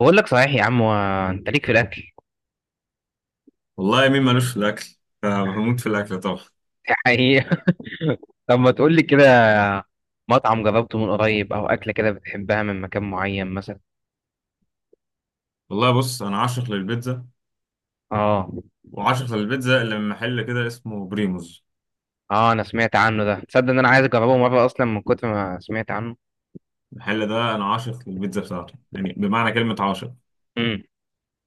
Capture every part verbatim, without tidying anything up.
بقول لك صحيح يا عم و... انت ليك في الاكل والله مين مالوش في الاكل؟ آه، بموت في الاكل طبعا. دي حقيقة. طب ما تقول لي كده، مطعم جربته من قريب او اكله كده بتحبها من مكان معين مثلا؟ والله بص، انا عاشق للبيتزا. اه. وعاشق للبيتزا اللي من محل كده اسمه بريموز. اه انا سمعت عنه ده، تصدق ان انا عايز اجربه مره اصلا من كتر ما سمعت عنه. المحل ده انا عاشق للبيتزا بتاعته، يعني بمعنى كلمة عاشق. امم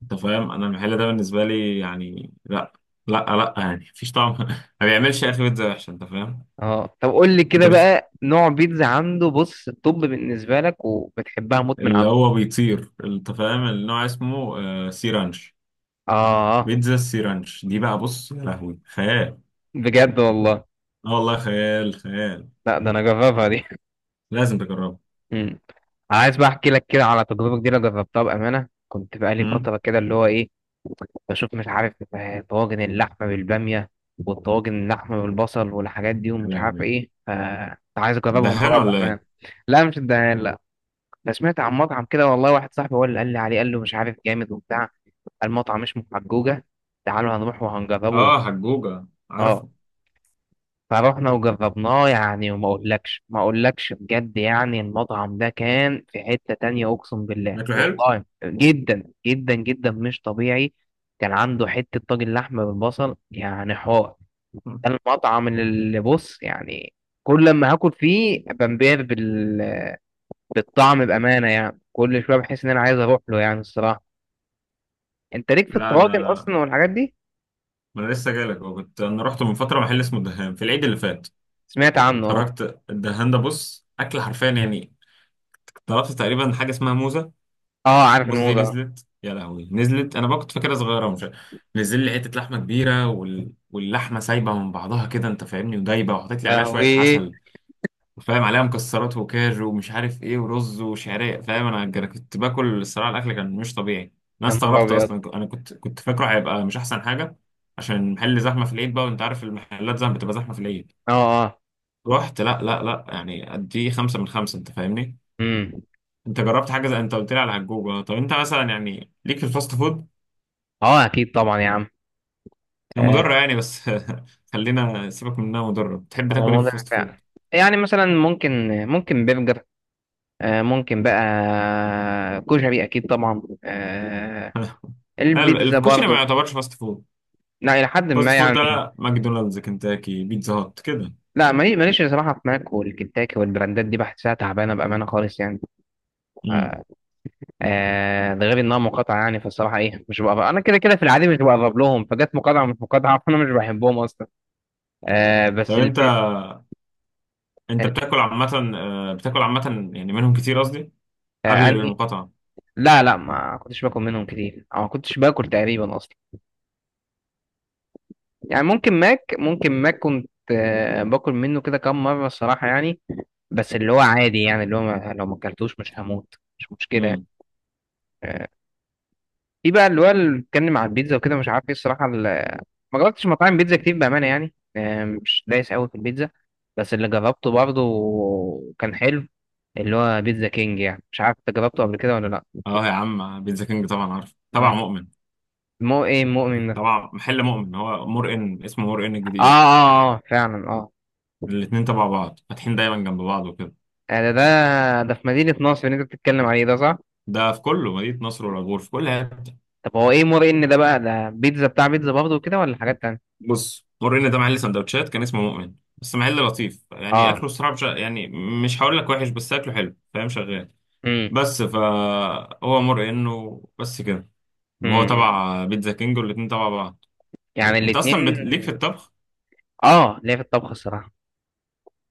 انت فاهم، انا المحل ده بالنسبة لي يعني لا، لا لا يعني مفيش طعم. ما بيعملش يا اخي بيتزا وحشة، انت فاهم. اه، طب قول لي كده انت بت... بقى نوع بيتزا عنده بص الطب بالنسبه لك وبتحبها موت من اللي عنده. هو بيطير، انت فاهم، النوع اسمه آه سيرانش. اه بيتزا السيرانش دي بقى، بص، يا لهوي، خيال. بجد والله؟ اه والله، خيال خيال. لا ده انا جربها دي. لازم تجربها. مم. عايز بقى احكي لك كده على تجربه جديده جربتها بامانه، كنت بقالي أمم. فتره كده اللي هو ايه، بشوف مش عارف، آه، طواجن اللحمه بالباميه والطواجن اللحمه بالبصل والحاجات دي يا ومش عارف لهوي، ايه، فكنت عايز اجربهم دهان مره ولا ايه؟ بامانه. لا مش الدهان، لا. أنا سمعت عن مطعم كده والله، واحد صاحبي هو اللي قال لي عليه، قال له مش عارف جامد وبتاع. المطعم اسمه حجوجه، تعالوا هنروح وهنجربه. اه، حجوجة اه. عارفه. فروحنا وجربناه يعني، وما اقولكش ما اقولكش بجد يعني، المطعم ده كان في حتة تانية اقسم بالله شكله حلو؟ والله، جدا جدا جدا مش طبيعي. كان عنده حتة طاجن لحمة بالبصل يعني حوار. ده المطعم اللي اللي بص يعني، كل لما هاكل فيه بنبهر بال... بالطعم بأمانة يعني، كل شوية بحس ان انا عايز اروح له يعني الصراحة. انت ليك في لا، الطواجن انا اصلا والحاجات دي؟ ما انا لسه جايلك، اه كنت انا رحت من فتره محل اسمه الدهان في العيد اللي فات. سمعت عنه اه. خرجت الدهان ده، بص، اكل حرفيا يعني. طلبت تقريبا حاجه اسمها موزه. اه عارف موزه دي الموزة. نزلت، يا لهوي نزلت، انا بقى كنت فاكرها صغيره مش عارف. نزل لي حته لحمه كبيره، وال... واللحمه سايبه من بعضها كده، انت فاهمني، ودايبه، وحطيت لي عليها شويه لهوي. عسل. فاهم، عليها مكسرات وكاجو ومش عارف ايه ورز وشعريه، فاهم، انا أنا كنت باكل الصراحه، الاكل كان مش طبيعي. انا يا نهار استغربت ابيض. اصلا، انا كنت كنت فاكره هيبقى مش احسن حاجه. عشان المحل زحمه في العيد بقى، وانت عارف المحلات زحمه، بتبقى زحمه في العيد. اه اه. رحت، لا لا لا يعني، قد خمسه من خمسه، انت فاهمني. امم انت جربت حاجه زي انت قلت لي على هجوجه؟ طب انت مثلا يعني ليك في الفاست فود؟ اه اكيد طبعا يا عم. هي آه، مضره يعني، بس خلينا، سيبك من انها مضره، بتحب تاكل ايه في رمضان الفاست فعلا. فود؟ يعني مثلا ممكن، ممكن برجر، آه، ممكن بقى كشري اكيد طبعا، آه، لا، البيتزا الكشري ما برضه. يعتبرش فاست فود. لا الى حد فاست ما فود يعني. ده ماكدونالدز، كنتاكي، بيتزا هات كده. لا مالي- ماليش صراحه في ماك والكنتاكي والبراندات دي، بحسها تعبانه بامانه خالص يعني. امم. آه، آه، ده غير انها مقاطعه يعني، فالصراحه ايه مش بقرب انا كده كده، في العادي مش بقرب لهم، فجت مقاطعه مش مقاطعه فانا مش بحبهم اصلا. آه، طب بس انت البي... انت ال- بتاكل عامة، آه، بتاكل عامة يعني منهم كتير قصدي؟ آه، قبل انهي؟ المقاطعة. لا لا، ما كنتش باكل منهم كتير، او ما كنتش باكل تقريبا اصلا. يعني ممكن ماك، ممكن ماك كنت آه، باكل منه كده كام مره الصراحه يعني. بس اللي هو عادي يعني، اللي هو ما لو ما اكلتوش مش هموت مش مشكله يعني. امم. آه، في بقى اللي هو اللي بيتكلم على البيتزا وكده مش عارف ايه الصراحه، ال- ما جربتش مطاعم بيتزا كتير بامانه يعني، آه، مش دايس قوي في البيتزا. بس اللي جربته برضه كان حلو، اللي هو بيتزا كينج. يعني مش عارف انت جربته قبل كده ولا لا؟ اه يا عم، بيتزا كينج طبعا عارف، مم. تبع مؤمن. مو ايه مؤمن ده؟ طبعا محل مؤمن، هو مرقن، اسمه مرقن الجديد. اه اه، آه، فعلا اه. الاتنين تبع بعض، فاتحين دايما جنب بعض وكده. ده ده ده في مدينة نصر اللي انت بتتكلم عليه ده صح؟ ده في كله مدينة نصر والعبور، في كل حتة. طب هو ايه مرة ان ده بقى، ده بيتزا بتاع بيتزا برضه كده ولا حاجات تانية؟ بص، مرقن ده محل سندوتشات كان اسمه مؤمن، بس محل لطيف يعني، اه. اكله الصراحة بش- يعني مش هقول لك وحش، بس اكله حلو فاهم، شغال. امم بس فهو مر انه بس كده. وهو امم امم. تبع بيتزا كينج، والاتنين تبع بعض. يعني انت الاتنين. اصلا بت... ليك في الطبخ؟ اه ليا في الطبخ الصراحة.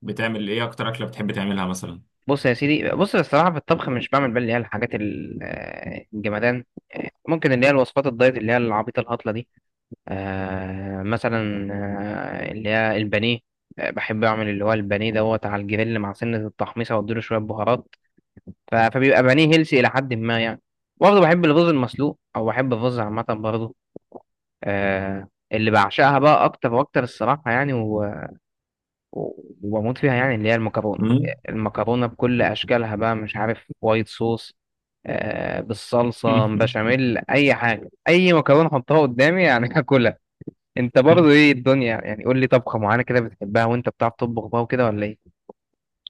بتعمل ايه، اكتر اكله بتحب تعملها مثلا؟ بص يا سيدي، بص الصراحة في الطبخ مش بعمل بقى اللي هي الحاجات ال- آه، الجمدان. ممكن اللي هي الوصفات الدايت اللي هي العبيطة الهطلة دي. آه مثلا، آه اللي هي البانيه، آه، بحب اعمل اللي هو البانيه دوت على الجريل مع سنة التحميصة واديله شوية بهارات. ف- فبيبقى بانيه هيلسي الى حد ما يعني. برضه بحب الرز المسلوق او بحب الرز عامه برضه. آه اللي بعشقها بقى اكتر واكتر الصراحه يعني، و- و- وبموت فيها يعني، اللي هي المكرونه. مم؟ المكرونه بكل اشكالها بقى، مش عارف وايت صوص، آه بالصلصه بشاميل، اي حاجه، اي مكرونه حطها قدامي يعني هاكلها. انت برضه ايه الدنيا يعني؟ قول لي طبخه معينه كده بتحبها وانت بتعرف تطبخ بقى وكده ولا ايه؟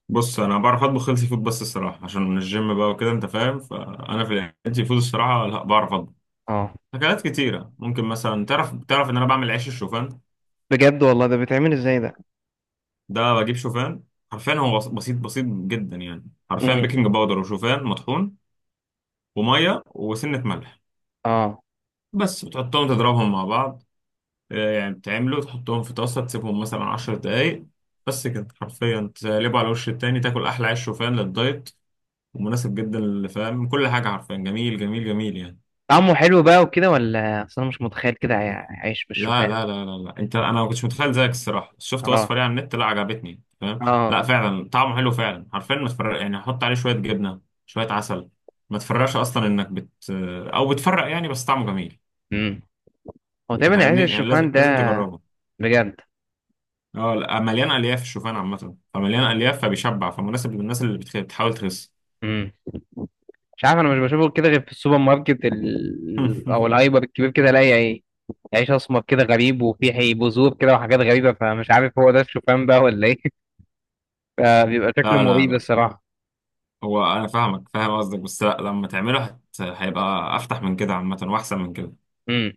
بص انا بعرف اطبخ هيلثي فود، بس الصراحه عشان من الجيم بقى وكده انت فاهم، فانا في الهيلثي فود الصراحه لا، بعرف اطبخ اه اكلات كتيره. ممكن مثلا تعرف تعرف ان انا بعمل عيش الشوفان. بجد والله؟ ده بيتعمل ازاي ده؟ ده بجيب شوفان، حرفيا هو بس- بسيط بسيط جدا يعني، حرفيا امم بيكنج باودر وشوفان مطحون وميه وسنه ملح. اه بس بتحطهم، تضربهم مع بعض، آه، يعني بتعملوا، تحطهم في طاسة، تسيبهم مثلا عشر دقايق. بس كده، حرفيا تقلبه على وش التاني، تاكل أحلى عيش شوفان للدايت، ومناسب جدا اللي فاهم كل حاجة، حرفيا جميل جميل جميل يعني. طعمه حلو بقى وكده ولا؟ اصل انا مش متخيل كده عي- عيش لا بالشوفان. لا لا لا لا، انت انا ما كنتش متخيل زيك الصراحة، بس شفت اه وصفة ليه على النت لا، عجبتني فاهم. اه. لا فعلا طعمه حلو فعلا، حرفيا ما تفرق يعني، حط عليه شوية جبنة، شوية عسل، ما تفرقش اصلا انك بت او بتفرق يعني، بس طعمه جميل. امم هو انت تقريبا عيش فاهمني، يعني لازم الشوفان لازم ده. تجربه. بجد. اه لا، مليان الياف، الشوفان عامه فمليان اه. الياف، فبيشبع، فمناسب للناس اللي بتخ- بتحاول تخس. امم مش عارف، انا مش بشوفه كده غير في السوبر ماركت ال... او الهايبر الكبير كده، الاقي ايه، عيش اسمر كده غريب وفيه حي- بذور كده وحاجات غريبه، فمش عارف هو ده الشوفان بقى ولا ايه فبيبقى شكله لا لا مريب لا، الصراحه. هو انا فاهمك، فاهم قصدك، بس لا، لما تعمله هت... هيبقى افتح من كده عامه، واحسن من كده. امم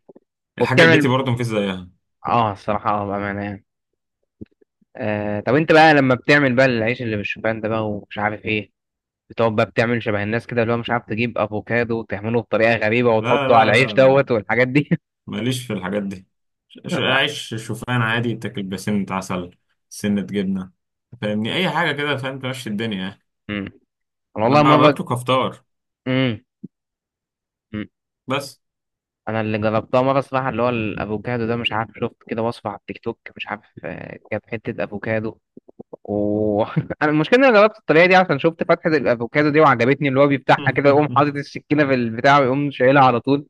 الحاجه وبتعمل، البيتي برضه مفيش زيها. اه الصراحه اه بامانه يعني. آه طب انت بقى لما بتعمل بقى العيش اللي بالشوفان ده بقى ومش عارف ايه، بتقعد بقى بتعمل شبه الناس كده اللي هو مش عارف، تجيب افوكادو وتعمله بطريقه غريبه لا وتحطه على لا العيش لا لا، دوت والحاجات دي؟ ماليش في الحاجات دي. ش- عيش شوفان عادي تاكل بسنة عسل، سنة جبنة، فاهمني، أي حاجة كده فاهم، تمشي الدنيا يعني. امم انا أنا والله بقى مره، باكله كفطار امم أمم. بس. انا اللي جربتها مره صراحه اللي هو الافوكادو ده، مش عارف شفت كده وصفه على التيك توك مش عارف، آه، جاب حته افوكادو، و انا المشكله ان انا جربت الطريقه دي عشان شفت فتحه الافوكادو دي وعجبتني، اللي هو بيفتحها كده يقوم حاطط السكينه في البتاع ويقوم شايلها على طول.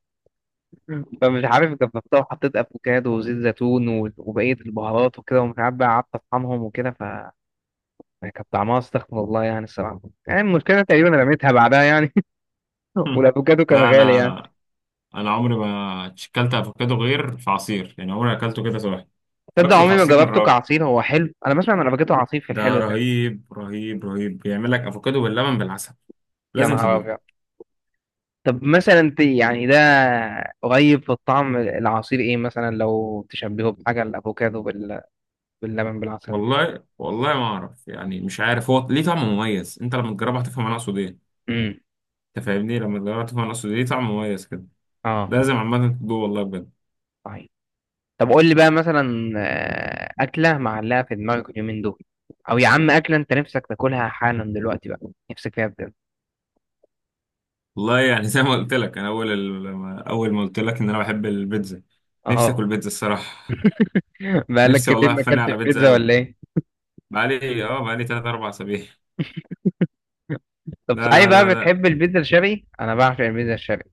فمش عارف جربتها وحطيت افوكادو وزيت زيتون و- وبقيه البهارات وكده، ومش عارف بقى قعدت اطحنهم وكده، يعني كانت طعمها استغفر الله يعني الصراحه، يعني المشكله تقريبا رميتها بعدها يعني والافوكادو كان لا غالي يعني. أنا انا عمري ما اكلت افوكادو غير في عصير يعني، عمري ما اكلته كده صباحي. تصدق باكله في عمري ما عصير من جربته الراجل كعصير؟ هو حلو؟ انا بسمع ان الافوكادو عصير في ده، الحلو ده. رهيب رهيب رهيب، بيعمل لك افوكادو باللبن بالعسل، يا لازم نهار تدوق. ابيض. طب مثلا انت يعني ده قريب في الطعم، العصير ايه مثلا لو تشبهه بحاجه، الافوكادو بال... باللبن بالعسل؟ والله والله ما اعرف يعني، مش عارف، هو ليه طعم مميز، انت لما تجربه هتفهم انا اقصد ايه. امم انت فاهمني، لما تجربه هتفهم انا اقصد ايه، ليه طعم مميز كده. اه لازم عامه تدوق والله، بجد. طيب. طب قول لي بقى مثلا، آه، اكله معلقه في دماغك اليومين دول، او يا عم اكله انت نفسك تاكلها حالا دلوقتي بقى، نفسك فيها بجد. والله يعني زي ما قلت لك، انا اول ال- لما- اول ما قلت لك ان انا بحب البيتزا. نفسي اه، اكل بيتزا الصراحه. بقالك نفسي كتير والله ما افني اكلتش على بيتزا بيتزا قوي. ولا ايه؟ بقالي اه بقالي تلات اربعة اسابيع. طب لا صحيح لا بقى، لا لا، بتحب البيتزا الشرقي؟ انا بعشق البيتزا الشرقي.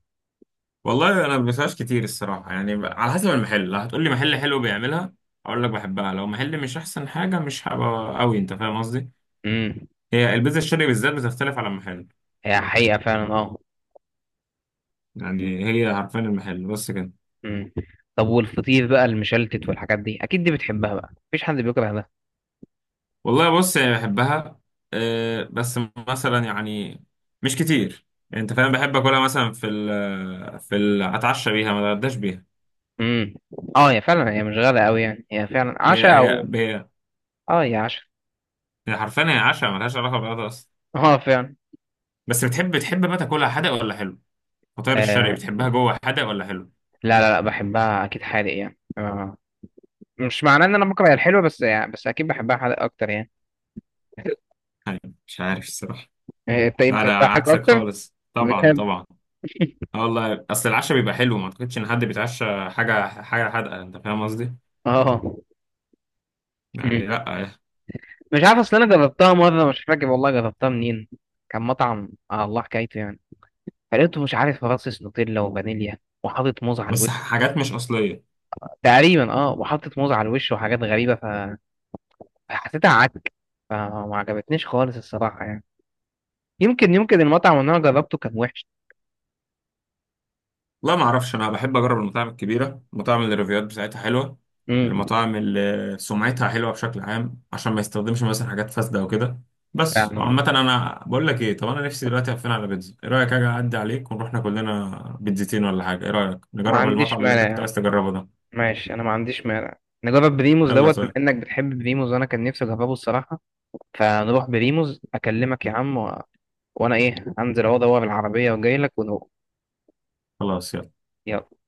والله انا ما بسمعش كتير الصراحه يعني، ب- على حسب المحل، لو هتقول لي محل حلو بيعملها اقول لك بحبها، لو محل مش احسن حاجه مش هبقى قوي، انت فاهم قصدي. امم هي البيتزا الشرقي بالذات بتختلف على المحل. هي حقيقه فعلا اه. يعني هي حرفيا المحل بس كده. امم طب والفطير بقى المشلتت والحاجات دي، اكيد دي بتحبها بقى، مفيش حد بيكره ده. والله بص يعني بحبها، أه بس مثلا يعني مش كتير يعني، انت فاهم، بحب اكلها مثلا في ال في ال اتعشى بيها، ما اتغداش بيها. امم اه هي فعلا هي مش غاليه قوي يعني، هي فعلا هي عشاء هي او. هي اه هي عشاء. هي حرفيا هي عشاء، ملهاش علاقه بغدا اصلا. اه فعلا. بس بتحب بتحب بقى تاكلها حادق ولا حلو، فطاير الشرقي آه بتحبها جوه حادق ولا حلو؟ لا لا لا، بحبها اكيد حادق يعني، آه. مش معناه ان انا بكره الحلو، بس يعني بس اكيد بحبها حادق اكتر يعني. يعني مش عارف الصراحة. آه، انت ايه، لا أنا بتحبها حلو عكسك اكتر؟ خالص، طبعا بجد؟ طبعا. اه والله أصل العشاء بيبقى حلو، ما أعتقدش إن حد بيتعشى حاجة حاجة حادقة، أنت فاهم قصدي؟ اه. يعني لا. مش عارف، اصل انا جربتها مره مش فاكر والله جربتها منين، كان مطعم آه الله حكايته يعني، فلقيته مش عارف رصص نوتيلا وفانيليا وحاطط موز على الوش. بس حاجات مش أصلية. تقريبا اه، وحاطط موز على الوش وحاجات غريبه، ف- فحسيتها عك، فما عجبتنيش خالص الصراحه يعني. يمكن، يمكن المطعم اللي انا جربته كان وحش. لا، ما اعرفش، انا بحب اجرب المطاعم الكبيره، المطاعم اللي الريفيوات بتاعتها حلوه، امم المطاعم اللي سمعتها حلوه بشكل عام، عشان ما يستخدمش مثلا حاجات فاسده او كده. بس يعني وعامه، ما انا بقول لك ايه، طب انا نفسي دلوقتي هفين على بيتزا، ايه رايك اجي اعدي عليك ونروح ناكل لنا بيتزتين ولا حاجه، ايه رايك ما نجرب عنديش المطعم اللي انت مانع كنت عايز يعني، تجربه ده؟ ماشي انا ما عنديش مانع. نجرب بريموز يلا دوت بما طيب. انك بتحب بريموز، وانا كان نفسي اجربه الصراحه. فنروح بريموز، اكلمك يا عم و... وانا ايه، انزل اهو ادور العربيه وجاي لك. خلاص يلا. يلا.